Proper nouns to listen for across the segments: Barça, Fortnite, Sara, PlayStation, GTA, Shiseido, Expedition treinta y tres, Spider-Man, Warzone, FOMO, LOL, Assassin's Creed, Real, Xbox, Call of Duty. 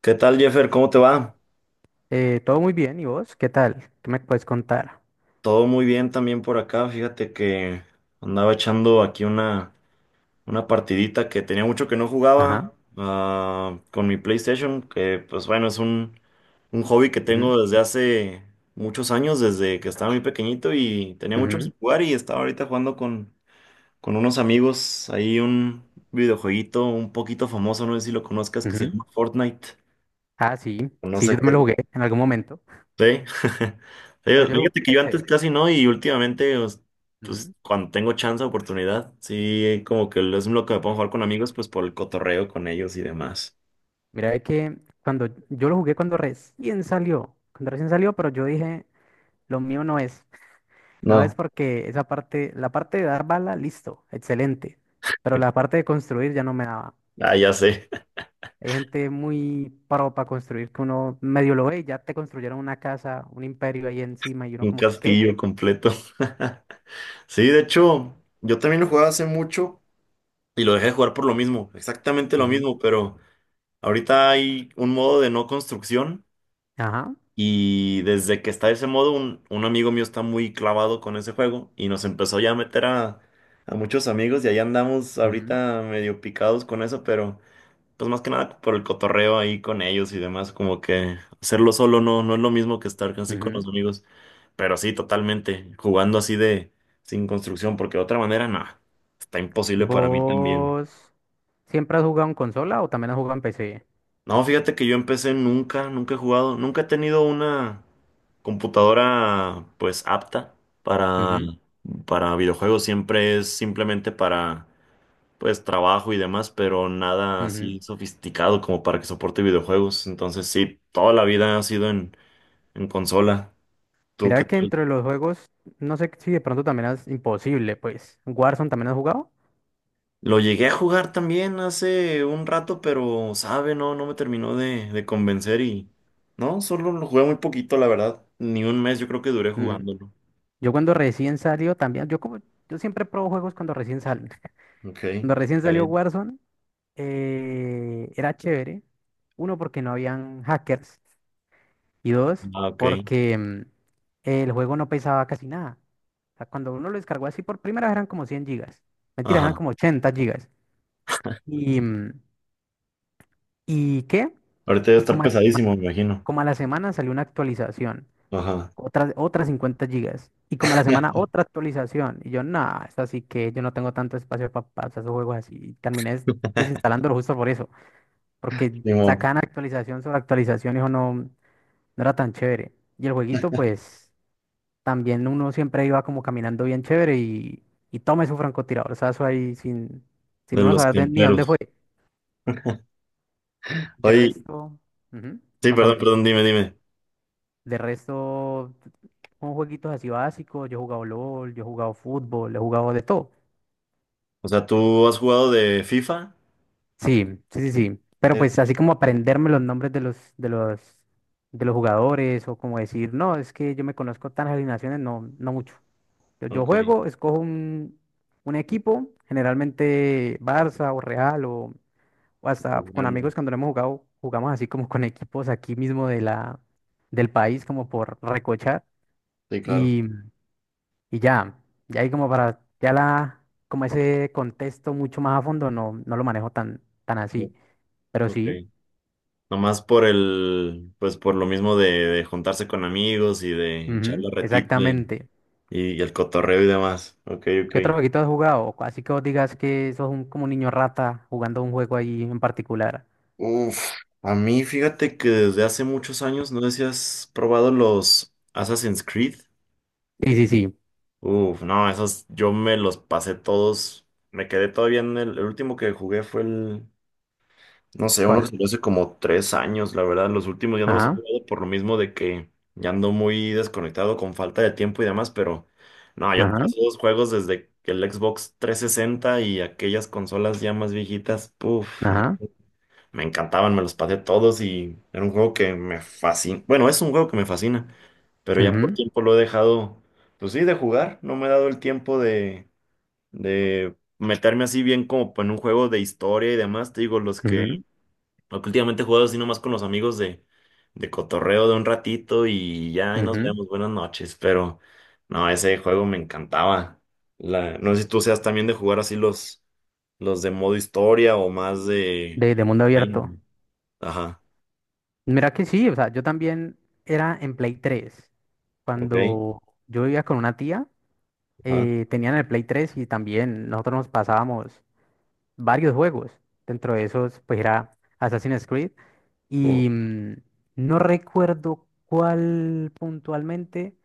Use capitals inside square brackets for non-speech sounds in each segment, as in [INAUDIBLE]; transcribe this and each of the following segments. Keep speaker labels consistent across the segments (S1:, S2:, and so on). S1: ¿Qué tal, Jeffer? ¿Cómo te va?
S2: Todo muy bien, ¿y vos? ¿Qué tal? ¿Qué me puedes contar?
S1: Todo muy bien también por acá. Fíjate que andaba echando aquí una partidita que tenía mucho que no jugaba
S2: Ajá.
S1: con mi PlayStation, que pues bueno, es un hobby que
S2: Ujú,
S1: tengo desde hace muchos años, desde que estaba muy pequeñito y tenía mucho
S2: ujú,
S1: que jugar y estaba ahorita jugando con unos amigos. Ahí un videojueguito un poquito famoso, no sé si lo conozcas, que se
S2: ujú.
S1: llama Fortnite.
S2: Ah, sí,
S1: No
S2: sí,
S1: sé
S2: yo también
S1: qué.
S2: lo jugué en algún momento,
S1: Sí. [LAUGHS]
S2: pero yo lo jugué
S1: Fíjate que
S2: en
S1: yo antes
S2: PC.
S1: casi no y últimamente,
S2: Ujú.
S1: cuando tengo chance, oportunidad, sí, como que es lo que me pongo a jugar con amigos, pues por el cotorreo con ellos y demás.
S2: Mira, es que cuando yo lo jugué cuando recién salió, pero yo dije, lo mío no es
S1: No,
S2: porque esa parte, la parte de dar bala, listo, excelente, pero la parte de construir ya no me daba.
S1: ah, ya sé.
S2: Hay gente muy pro para construir que uno medio lo ve y ya te construyeron una casa, un imperio ahí encima y
S1: [LAUGHS]
S2: uno
S1: Un
S2: como que, ¿qué?
S1: castillo completo. [LAUGHS] Sí, de hecho, yo también lo jugaba hace mucho y lo dejé de jugar por lo mismo, exactamente lo
S2: Ujú.
S1: mismo, pero ahorita hay un modo de no construcción.
S2: Ajá.
S1: Y desde que está ese modo, un amigo mío está muy clavado con ese juego y nos empezó ya a meter a muchos amigos y ahí andamos
S2: Ujú,
S1: ahorita medio picados con eso, pero pues más que nada por el cotorreo ahí con ellos y demás, como que hacerlo solo no es lo mismo que estar así con
S2: ujú.
S1: los amigos, pero sí, totalmente, jugando así de sin construcción, porque de otra manera, nada, está imposible para mí también.
S2: ¿Vos siempre has jugado en consola o también has jugado en PC?
S1: No, fíjate que yo empecé nunca, nunca he jugado, nunca he tenido una computadora pues apta para,
S2: Ujú,
S1: para videojuegos, siempre es simplemente para pues trabajo y demás, pero nada
S2: ujú.
S1: así sofisticado como para que soporte videojuegos. Entonces sí, toda la vida ha sido en consola. ¿Tú qué
S2: Mira que
S1: tal?
S2: entre los juegos, no sé si de pronto también es imposible, pues. ¿Warzone también has jugado?
S1: Lo llegué a jugar también hace un rato, pero sabe, no, no me terminó de convencer y no, solo lo jugué muy poquito, la verdad. Ni un mes yo creo que duré
S2: Ujú.
S1: jugando.
S2: Yo cuando recién salió también, yo como, yo siempre pruebo juegos cuando recién salen.
S1: Ok, está
S2: Cuando recién salió
S1: bien.
S2: Warzone, era chévere. Uno, porque no habían hackers. Y dos,
S1: Ah, ok.
S2: porque el juego no pesaba casi nada. O sea, cuando uno lo descargó así por primera vez eran como 100 gigas. Mentira, eran
S1: Ajá.
S2: como 80 gigas. ¿Y, mm, ¿Y qué?
S1: Ahorita debe
S2: Y
S1: estar
S2: como a,
S1: pesadísimo, me imagino.
S2: como a la semana salió una actualización,
S1: Ajá.
S2: otras 50 gigas. Y como a la semana
S1: [LAUGHS]
S2: otra actualización. Y yo, nada, es así que yo no tengo tanto espacio para pasar esos juegos así. Y terminé desinstalándolo justo por eso, porque
S1: Simón,
S2: sacaban actualización sobre actualización y eso no era tan chévere. Y el jueguito, pues, también uno siempre iba como caminando bien chévere y tome su francotiradorzazo ahí sin,
S1: de
S2: sin uno
S1: los
S2: saber ni dónde fue.
S1: temperos.
S2: De
S1: Oye,
S2: resto, ujú,
S1: sí,
S2: contámelo.
S1: perdón, dime.
S2: De resto, con jueguitos así básicos, yo he jugado LOL, yo he jugado fútbol, he jugado de todo.
S1: O sea, ¿tú has jugado de FIFA?
S2: Sí, sí, sí, sí. Pero pues así
S1: Sí.
S2: como aprenderme los nombres de los, de los jugadores o como decir, no, es que yo me conozco tan alineaciones, no, no mucho. Yo
S1: Ok,
S2: juego, escojo un equipo, generalmente Barça o Real o hasta con
S1: grande.
S2: amigos cuando lo hemos jugado, jugamos así como con equipos aquí mismo de del país, como por recochar.
S1: Sí, claro.
S2: Y, y ya, ya ahí como para, ya la, como ese contexto mucho más a fondo, no lo manejo tan así.
S1: Sí,
S2: Pero
S1: Ok.
S2: sí,
S1: Nomás por el, pues por lo mismo de juntarse con amigos y de echar
S2: ujú,
S1: la retita
S2: exactamente.
S1: y el cotorreo y demás. Ok, ok.
S2: ¿Qué otro jueguito has jugado? Así que vos digas que sos como un niño rata jugando un juego ahí en particular.
S1: Uf, a mí fíjate que desde hace muchos años, no sé si has probado los Assassin's Creed.
S2: Sí, sí, sí.
S1: Uf, no, esos yo me los pasé todos. Me quedé todavía en el último que jugué fue el, no sé, uno que
S2: ¿Cuál?
S1: salió hace como 3 años, la verdad. Los últimos ya no los he
S2: Ajá.
S1: jugado por lo mismo de que ya ando muy desconectado con falta de tiempo y demás, pero no, yo
S2: Ajá,
S1: todos esos juegos desde que el Xbox 360 y aquellas consolas ya más viejitas, puf,
S2: ajá,
S1: me encantaban, me los pasé todos y era un juego que me fascina. Bueno, es un juego que me fascina, pero ya por
S2: ujú,
S1: tiempo lo he dejado, pues sí, de jugar. No me he dado el tiempo de meterme así bien como en un juego de historia y demás. Te digo,
S2: ujú,
S1: los que últimamente he jugado así nomás con los amigos de cotorreo de un ratito y ya ahí nos
S2: ujú.
S1: vemos, buenas noches. Pero no, ese juego me encantaba. La, no sé si tú seas también de jugar así los de modo historia o más de...
S2: De mundo
S1: Ay,
S2: abierto.
S1: Ajá,
S2: Mira que sí, o sea, yo también era en Play 3.
S1: ok,
S2: Cuando yo vivía con una tía,
S1: ajá.
S2: tenían el Play 3 y también nosotros nos pasábamos varios juegos. Dentro de esos, pues era Assassin's Creed.
S1: Uh,
S2: Y mm, no recuerdo cuál puntualmente,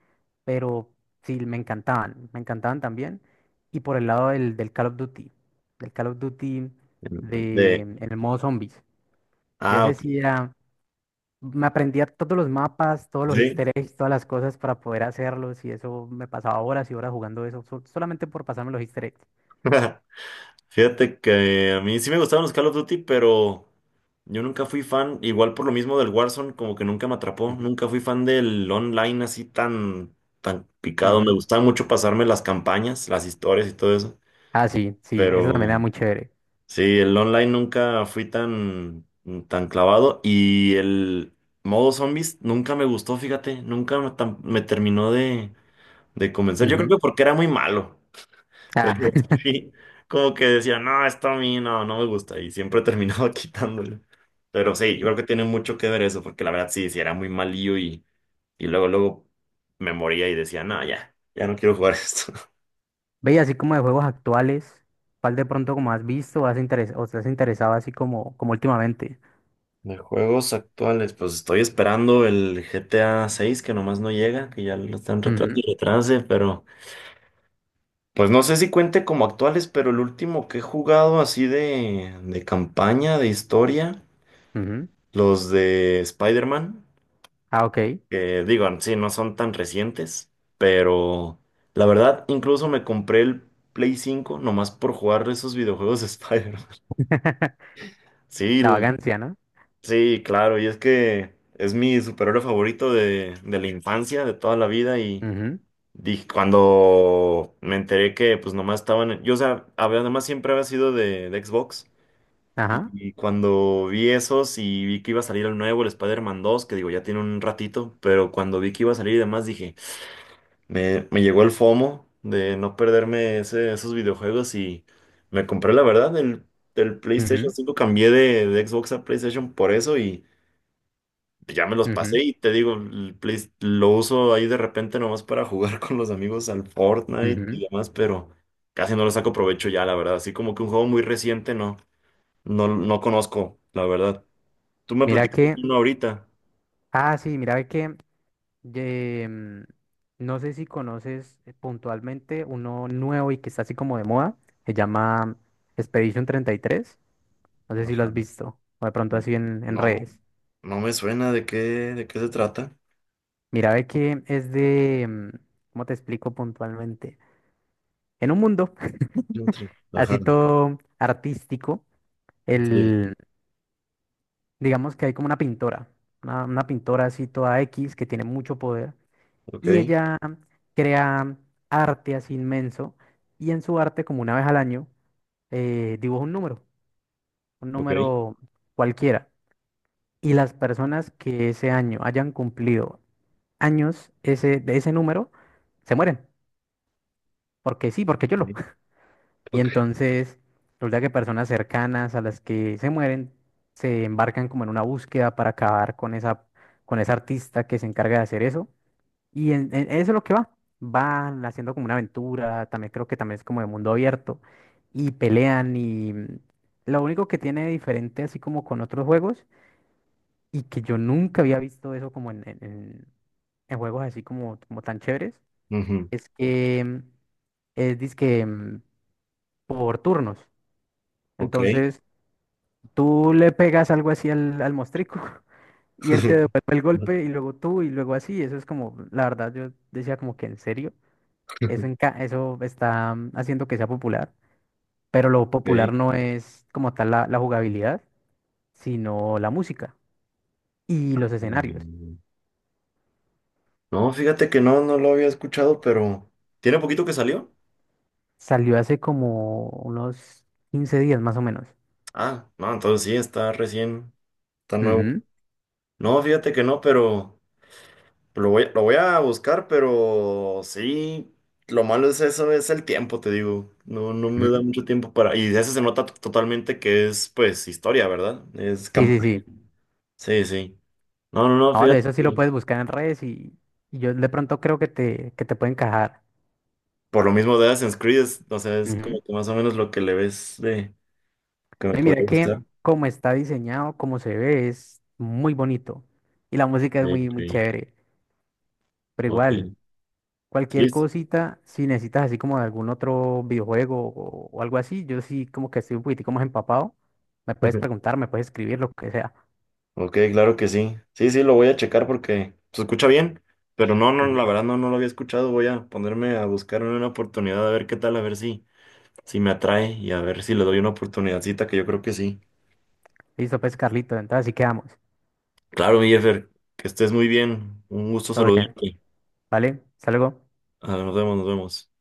S2: pero sí, me encantaban también. Y por el lado del Call of Duty
S1: de,
S2: en el modo zombies. Yo
S1: ah,
S2: ese
S1: ok,
S2: sí era, me aprendía todos los mapas, todos los
S1: sí.
S2: easter eggs, todas las cosas para poder hacerlos y eso me pasaba horas y horas jugando eso, solamente por pasarme los easter eggs.
S1: [LAUGHS] Fíjate que a mí sí me gustaban los Call of Duty, pero yo nunca fui fan, igual por lo mismo del Warzone, como que nunca me atrapó,
S2: Ujú,
S1: nunca fui fan del online así tan, tan picado. Me
S2: ujú.
S1: gustaba mucho pasarme las campañas, las historias y todo eso,
S2: Ah, sí, sí, eso
S1: pero
S2: también era muy chévere.
S1: sí, el online nunca fui tan, tan clavado y el modo zombies nunca me gustó, fíjate, nunca me tam- me terminó de comenzar. Yo creo
S2: Ujú.
S1: que porque era muy malo. [LAUGHS] Pero
S2: Ah, [LAUGHS]
S1: sí, como que decía, no, esto a mí no, no me gusta. Y siempre terminaba [LAUGHS] quitándolo. Pero sí, yo creo que tiene mucho que ver eso, porque la verdad sí, sí era muy malillo y luego me moría y decía, no, ya, ya no quiero jugar esto.
S2: Ve, y así como de juegos actuales, ¿cuál de pronto como has visto o o te has interesado así como últimamente?
S1: [LAUGHS] De juegos actuales, pues estoy esperando el GTA 6 que nomás no llega, que ya lo están retrasando
S2: Ujú,
S1: y retrase, pero pues no sé si cuente como actuales, pero el último que he jugado así de campaña, de historia.
S2: ujú.
S1: Los de Spider-Man,
S2: Ah, ok.
S1: que digo, sí, no son tan recientes, pero la verdad, incluso me compré el Play 5 nomás por jugar esos videojuegos de Spider-Man. [LAUGHS]
S2: [LAUGHS]
S1: Sí,
S2: La
S1: l-
S2: vagancia, ¿no?
S1: sí, claro, y es que es mi superhéroe favorito de la infancia, de toda la vida, y
S2: Ujú,
S1: dije, cuando me enteré que pues nomás estaban, yo, o sea, había- además siempre había sido de Xbox.
S2: ajá,
S1: Y cuando vi esos y vi que iba a salir el nuevo, el Spider-Man 2, que digo, ya tiene un ratito, pero cuando vi que iba a salir y demás, dije, me llegó el FOMO de no perderme esos videojuegos y me compré, la verdad, el PlayStation
S2: ujú,
S1: 5 cambié de Xbox a PlayStation por eso y ya me los
S2: ujú,
S1: pasé y te digo, lo uso ahí de repente nomás para jugar [LAUGHS] con los amigos al Fortnite y
S2: ujú.
S1: demás, pero casi no lo saco provecho ya, la verdad, así como que un juego muy reciente, no conozco, la verdad. Tú me
S2: Mira
S1: platicaste
S2: que,
S1: uno ahorita.
S2: ah, sí, eh, mm, no sé si conoces puntualmente uno nuevo y que está así como de moda, se llama Expedition 33. No sé si lo
S1: Ajá.
S2: has visto o de pronto
S1: N-
S2: así en
S1: No,
S2: redes.
S1: no me suena de qué se trata.
S2: Mira, ve que ¿cómo te explico puntualmente? En un mundo [LAUGHS]
S1: Entre- Ajá.
S2: así todo artístico,
S1: Sí.
S2: el, digamos que hay como una pintora, una pintora así toda X que tiene mucho poder y
S1: Ok.
S2: ella crea arte así inmenso y en su arte como una vez al año, dibuja un
S1: Ok.
S2: número cualquiera y las personas que ese año hayan cumplido años de ese número se mueren, porque sí, porque yo lo.
S1: Ok.
S2: Y
S1: Ok.
S2: entonces resulta que personas cercanas a las que se mueren se embarcan como en una búsqueda para acabar con esa artista que se encarga de hacer eso. Y eso es lo que va. Van haciendo como una aventura, también creo que también es como de mundo abierto. Y pelean y lo único que tiene de diferente así como con otros juegos y que yo nunca había visto eso como en juegos así como tan chéveres,
S1: Ujú,
S2: es que es dizque por turnos.
S1: Ok.
S2: Entonces, tú le pegas algo así al mostrico [LAUGHS] y él te
S1: [LAUGHS]
S2: devuelve el golpe y luego tú y luego así. Eso es como, la verdad, yo decía como que en serio, eso está haciendo que sea popular, pero lo popular
S1: Ok.
S2: no es como tal la jugabilidad, sino la música y los escenarios.
S1: Mm, no, fíjate que no, no lo había escuchado, pero ¿tiene poquito que salió?
S2: Salió hace como unos 15 días más o menos.
S1: Ah, no, entonces sí, está recién, está nuevo.
S2: Ujú,
S1: No, fíjate que no, pero lo voy a buscar, pero sí, lo malo es eso, es el tiempo, te digo. No, no me da
S2: ujú.
S1: mucho tiempo para... Y de eso se nota totalmente que es, pues, historia, ¿verdad? Es
S2: Sí, sí,
S1: campaña.
S2: sí.
S1: Sí, sí. No, no, no,
S2: No, de
S1: fíjate.
S2: eso sí lo puedes buscar en redes y yo de pronto creo que te puede encajar.
S1: Por lo mismo de Assassin's Creed, es- o sea, es como que más o menos lo que le ves de... que me
S2: No, y mira
S1: podría
S2: que
S1: gustar.
S2: como está diseñado, como se ve, es muy bonito. Y la música es muy,
S1: Ok,
S2: muy chévere. Pero
S1: ok, ok.
S2: igual,
S1: Sí.
S2: cualquier
S1: Sí.
S2: cosita, si necesitas así como de algún otro videojuego o algo así, yo sí como que estoy un poquitico más empapado. Me puedes
S1: [LAUGHS]
S2: preguntar, me puedes escribir, lo que sea.
S1: Ok, claro que sí. Sí, sí, lo voy a checar porque se escucha bien, pero no, no, la
S2: Ujú.
S1: verdad no, no lo había escuchado. Voy a ponerme a buscar una oportunidad a ver qué tal, a ver si, si me atrae y a ver si le doy una oportunidadcita, que yo creo que sí.
S2: Listo, pues, Carlito. Entonces así quedamos.
S1: Claro, mi Jeffer, que estés muy bien. Un gusto
S2: Todo bien.
S1: saludarte.
S2: ¿Vale? Hasta luego.
S1: Ah, nos vemos, nos vemos.